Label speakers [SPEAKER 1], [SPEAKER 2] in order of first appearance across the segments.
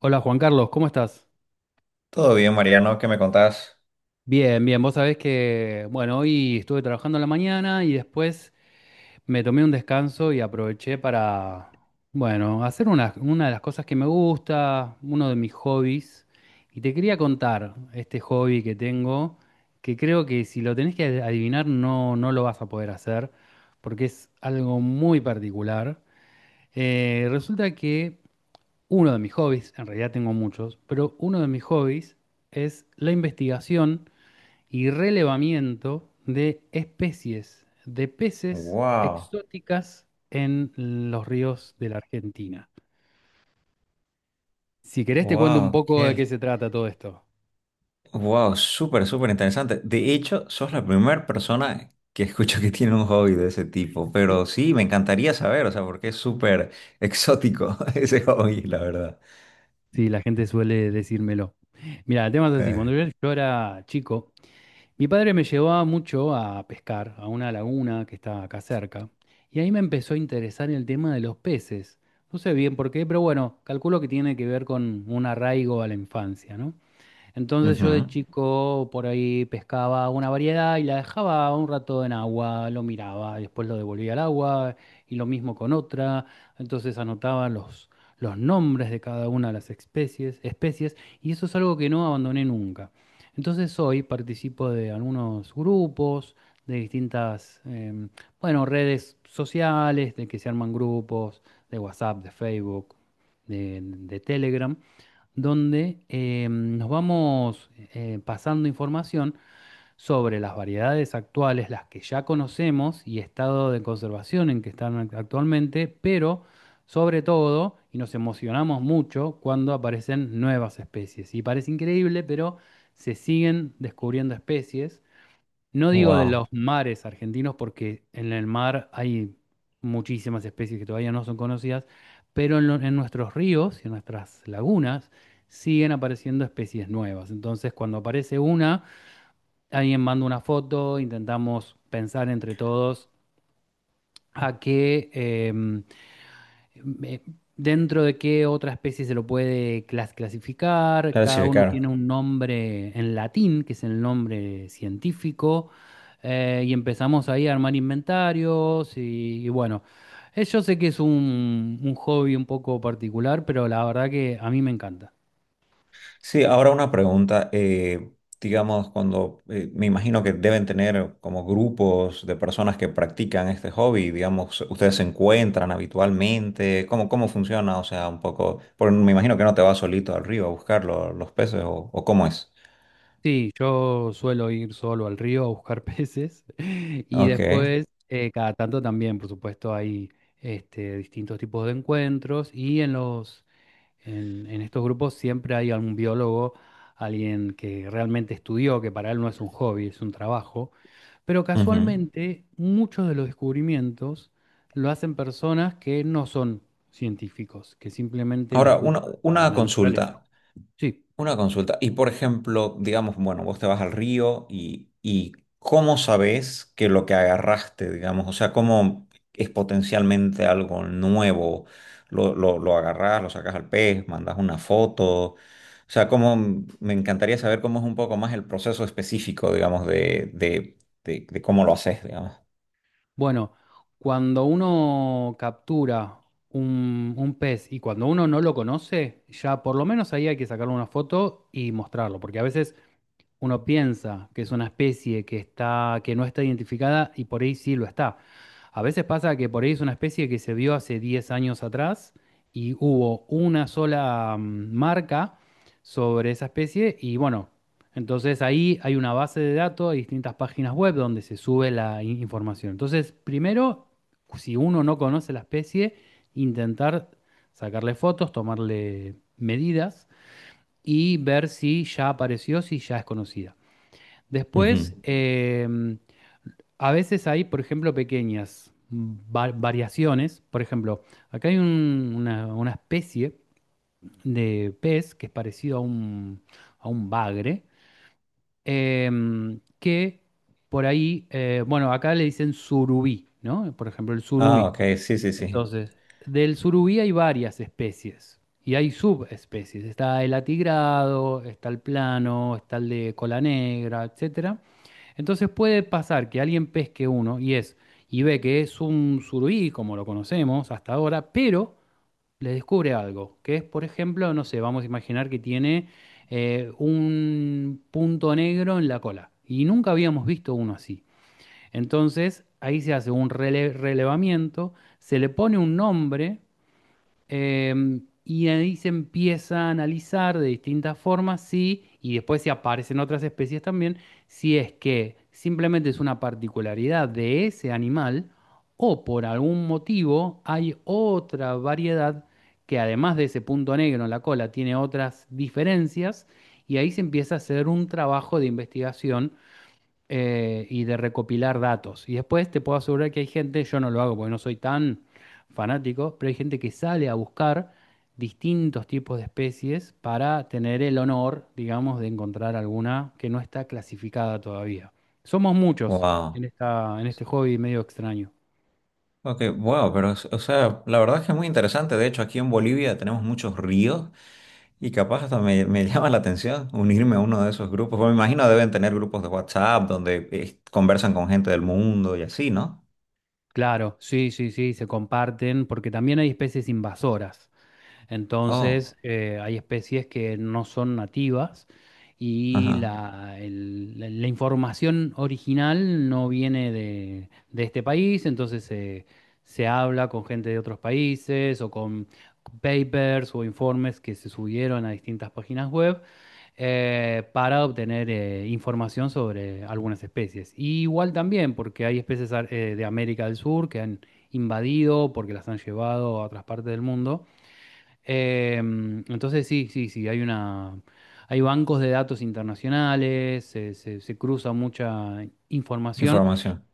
[SPEAKER 1] Hola Juan Carlos, ¿cómo estás?
[SPEAKER 2] Todo bien, Mariano, ¿qué me contás?
[SPEAKER 1] Bien, bien, vos sabés que, bueno, hoy estuve trabajando en la mañana y después me tomé un descanso y aproveché para, bueno, hacer una de las cosas que me gusta, uno de mis hobbies. Y te quería contar este hobby que tengo, que creo que si lo tenés que adivinar no lo vas a poder hacer, porque es algo muy particular. Resulta que uno de mis hobbies, en realidad tengo muchos, pero uno de mis hobbies es la investigación y relevamiento de especies de peces
[SPEAKER 2] Wow,
[SPEAKER 1] exóticas en los ríos de la Argentina. Si querés te cuento un
[SPEAKER 2] wow,
[SPEAKER 1] poco
[SPEAKER 2] qué,
[SPEAKER 1] de qué se trata todo esto.
[SPEAKER 2] wow, súper, súper interesante. De hecho, sos la primera persona que escucho que tiene un hobby de ese tipo, pero sí, me encantaría saber, o sea, porque es súper exótico ese hobby, la verdad.
[SPEAKER 1] Sí, la gente suele decírmelo. Mira, el tema es así. Cuando
[SPEAKER 2] Eh,
[SPEAKER 1] yo era chico, mi padre me llevaba mucho a pescar a una laguna que está acá cerca y ahí me empezó a interesar el tema de los peces. No sé bien por qué, pero bueno, calculo que tiene que ver con un arraigo a la infancia, ¿no? Entonces yo de
[SPEAKER 2] ujú.
[SPEAKER 1] chico por ahí pescaba una variedad y la dejaba un rato en agua, lo miraba, después lo devolvía al agua y lo mismo con otra. Entonces anotaba los nombres de cada una de las especies, especies y eso es algo que no abandoné nunca. Entonces hoy participo de algunos grupos, de distintas, bueno, redes sociales, de que se arman grupos, de WhatsApp, de Facebook, de Telegram donde nos vamos pasando información sobre las variedades actuales, las que ya conocemos y estado de conservación en que están actualmente, pero sobre todo, y nos emocionamos mucho cuando aparecen nuevas especies. Y parece increíble, pero se siguen descubriendo especies. No digo de
[SPEAKER 2] Wow,
[SPEAKER 1] los mares argentinos porque en el mar hay muchísimas especies que todavía no son conocidas, pero en nuestros ríos y en nuestras lagunas siguen apareciendo especies nuevas. Entonces, cuando aparece una, alguien manda una foto, intentamos pensar entre todos a qué, eh, dentro de qué otra especie se lo puede clasificar. Cada uno tiene
[SPEAKER 2] clasificar.
[SPEAKER 1] un nombre en latín, que es el nombre científico, y empezamos ahí a armar inventarios y bueno, yo sé que es un hobby un poco particular, pero la verdad que a mí me encanta.
[SPEAKER 2] Sí, ahora una pregunta. Digamos, cuando me imagino que deben tener como grupos de personas que practican este hobby, digamos, ustedes se encuentran habitualmente, ¿cómo, cómo funciona? O sea, un poco, porque me imagino que no te vas solito al río a buscar los peces o cómo es.
[SPEAKER 1] Sí, yo suelo ir solo al río a buscar peces y
[SPEAKER 2] Ok.
[SPEAKER 1] después, cada tanto también, por supuesto, hay este, distintos tipos de encuentros y en estos grupos siempre hay algún biólogo, alguien que realmente estudió, que para él no es un hobby, es un trabajo. Pero
[SPEAKER 2] Ujú.
[SPEAKER 1] casualmente muchos de los descubrimientos lo hacen personas que no son científicos, que simplemente les
[SPEAKER 2] Ahora,
[SPEAKER 1] gusta
[SPEAKER 2] una
[SPEAKER 1] la naturaleza.
[SPEAKER 2] consulta.
[SPEAKER 1] Sí,
[SPEAKER 2] Una consulta. Y por ejemplo, digamos, bueno, vos te vas al río y ¿cómo sabés que lo que agarraste, digamos, o sea, cómo es potencialmente algo nuevo? Lo agarrás, lo sacás al pez, mandás una foto. O sea, cómo, me encantaría saber cómo es un poco más el proceso específico, digamos, de cómo lo haces, digamos.
[SPEAKER 1] bueno, cuando uno captura un pez y cuando uno no lo conoce, ya por lo menos ahí hay que sacarle una foto y mostrarlo, porque a veces uno piensa que es una especie que está, que no está identificada y por ahí sí lo está. A veces pasa que por ahí es una especie que se vio hace 10 años atrás y hubo una sola marca sobre esa especie y bueno, entonces ahí hay una base de datos, hay distintas páginas web donde se sube la información. Entonces, primero, si uno no conoce la especie, intentar sacarle fotos, tomarle medidas y ver si ya apareció, si ya es conocida. Después,
[SPEAKER 2] Ujú.
[SPEAKER 1] a veces hay, por ejemplo, pequeñas variaciones. Por ejemplo, acá hay una especie de pez que es parecido a a un bagre, que por ahí, bueno, acá le dicen surubí, ¿no? Por ejemplo, el
[SPEAKER 2] Ah,
[SPEAKER 1] surubí.
[SPEAKER 2] ok, sí, sí, sí.
[SPEAKER 1] Entonces, del surubí hay varias especies y hay subespecies. Está el atigrado, está el plano, está el de cola negra, etcétera. Entonces puede pasar que alguien pesque uno y es y ve que es un surubí, como lo conocemos hasta ahora, pero le descubre algo, que es, por ejemplo, no sé, vamos a imaginar que tiene un punto negro en la cola. Y nunca habíamos visto uno así. Entonces, ahí se hace un relevamiento, se le pone un nombre. Y ahí se empieza a analizar de distintas formas, sí, y después se aparecen otras especies también, si es que simplemente es una particularidad de ese animal o por algún motivo hay otra variedad que además de ese punto negro en la cola tiene otras diferencias, y ahí se empieza a hacer un trabajo de investigación y de recopilar datos. Y después te puedo asegurar que hay gente, yo no lo hago porque no soy tan fanático, pero hay gente que sale a buscar distintos tipos de especies para tener el honor, digamos, de encontrar alguna que no está clasificada todavía. Somos muchos en
[SPEAKER 2] Wow.
[SPEAKER 1] en este hobby medio extraño.
[SPEAKER 2] Ok, wow, pero, es- o sea, la verdad es que es muy interesante. De hecho, aquí en Bolivia tenemos muchos ríos. Y capaz hasta me llama la atención unirme a uno de esos grupos. Porque me imagino deben tener grupos de WhatsApp donde conversan con gente del mundo y así, ¿no?
[SPEAKER 1] Claro, sí, sí, sí, se comparten porque también hay especies invasoras.
[SPEAKER 2] Oh,
[SPEAKER 1] Entonces, hay especies que no son nativas y
[SPEAKER 2] ajá.
[SPEAKER 1] la información original no viene de este país, entonces se se habla con gente de otros países o con papers o informes que se subieron a distintas páginas web, para obtener información sobre algunas especies. Y igual también, porque hay especies de América del Sur que han invadido, porque las han llevado a otras partes del mundo. Entonces sí, sí, sí, hay una, hay bancos de datos internacionales, se cruza mucha información,
[SPEAKER 2] Información.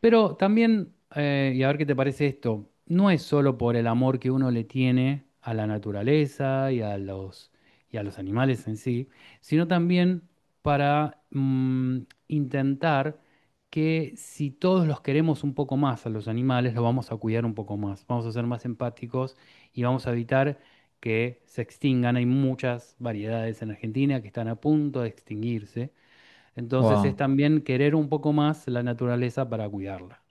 [SPEAKER 1] pero también, y a ver qué te parece esto, no es solo por el amor que uno le tiene a la naturaleza y a y a los animales en sí, sino también para intentar que si todos los queremos un poco más a los animales, los vamos a cuidar un poco más, vamos a ser más empáticos y vamos a evitar que se extingan. Hay muchas variedades en Argentina que están a punto de extinguirse, entonces es
[SPEAKER 2] Wow.
[SPEAKER 1] también querer un poco más la naturaleza para cuidarla.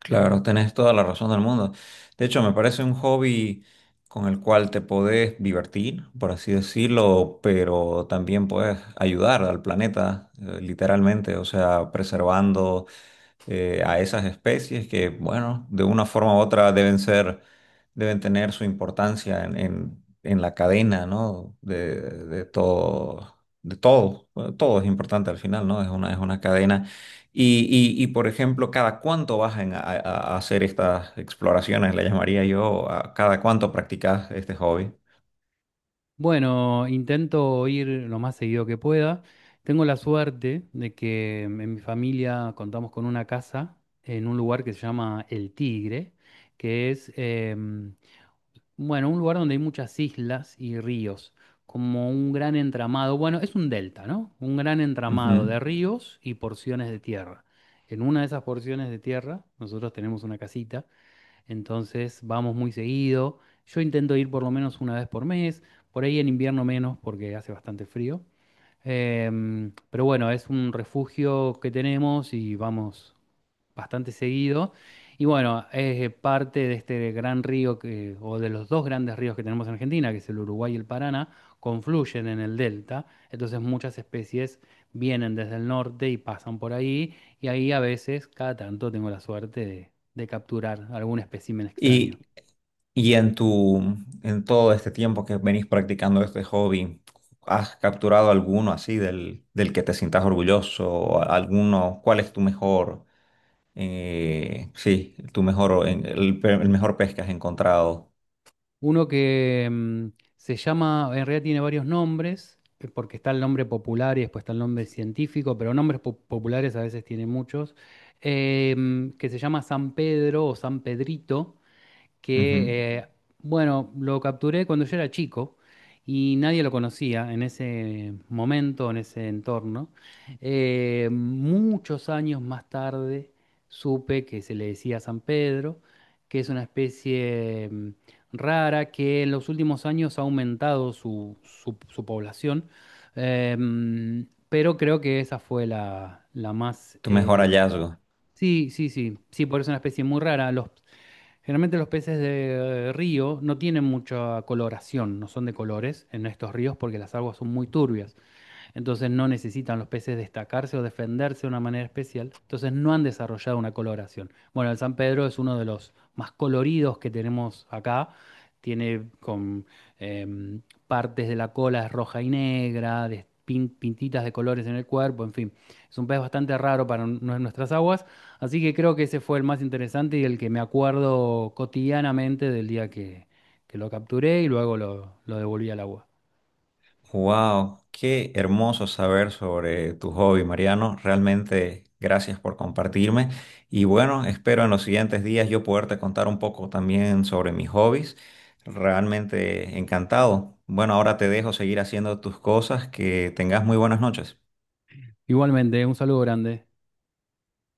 [SPEAKER 2] Claro, tenés toda la razón del mundo. De hecho, me parece un hobby con el cual te podés divertir, por así decirlo, pero también puedes ayudar al planeta, literalmente, o sea, preservando a esas especies que, bueno, de una forma u otra deben ser, deben tener su importancia en, en la cadena, ¿no? De todo, de todo. Bueno, todo es importante al final, ¿no? Es una cadena. Y, y, por ejemplo, ¿cada cuánto vas hacer estas exploraciones? Le llamaría yo, ¿a cada cuánto practicas este hobby?
[SPEAKER 1] Bueno, intento ir lo más seguido que pueda. Tengo la suerte de que en mi familia contamos con una casa en un lugar que se llama El Tigre, que es, bueno, un lugar donde hay muchas islas y ríos, como un gran entramado, bueno, es un delta, ¿no? Un gran entramado de
[SPEAKER 2] Ujú.
[SPEAKER 1] ríos y porciones de tierra. En una de esas porciones de tierra, nosotros tenemos una casita, entonces vamos muy seguido. Yo intento ir por lo menos 1 vez por mes, por ahí en invierno menos porque hace bastante frío. Pero bueno, es un refugio que tenemos y vamos bastante seguido. Y bueno, es parte de este gran río que, o de los dos grandes ríos que tenemos en Argentina, que es el Uruguay y el Paraná, confluyen en el delta. Entonces muchas especies vienen desde el norte y pasan por ahí. Y ahí a veces, cada tanto, tengo la suerte de capturar algún espécimen extraño.
[SPEAKER 2] Y, y en tu, en todo este tiempo que venís practicando este hobby, ¿has capturado alguno así del, del que te sientas orgulloso? ¿O alguno? ¿Cuál es tu mejor, sí, tu mejor, el mejor pez que has encontrado?
[SPEAKER 1] Uno que se llama, en realidad tiene varios nombres, porque está el nombre popular y después está el nombre científico, pero nombres populares a veces tiene muchos, que se llama San Pedro o San Pedrito,
[SPEAKER 2] Ujú.
[SPEAKER 1] que, bueno, lo capturé cuando yo era chico y nadie lo conocía en ese momento, en ese entorno. Muchos años más tarde supe que se le decía San Pedro, que es una especie rara que en los últimos años ha aumentado su población. Pero creo que esa fue la más...
[SPEAKER 2] Tu mejor hallazgo.
[SPEAKER 1] sí, sí, sí, sí, por eso es una especie muy rara. Los Generalmente los peces de río no tienen mucha coloración, no son de colores en estos ríos porque las aguas son muy turbias. Entonces no necesitan los peces destacarse o defenderse de una manera especial. Entonces no han desarrollado una coloración. Bueno, el San Pedro es uno de los más coloridos que tenemos acá. Tiene con em, partes de la cola roja y negra, de pintitas de colores en el cuerpo, en fin. Es un pez bastante raro para nuestras aguas. Así que creo que ese fue el más interesante y el que me acuerdo cotidianamente del día que lo capturé y luego lo devolví al agua.
[SPEAKER 2] Wow, qué hermoso saber sobre tu hobby, Mariano. Realmente gracias por compartirme. Y bueno, espero en los siguientes días yo poderte contar un poco también sobre mis hobbies. Realmente encantado. Bueno, ahora te dejo seguir haciendo tus cosas. Que tengas muy buenas noches.
[SPEAKER 1] Igualmente, un saludo grande.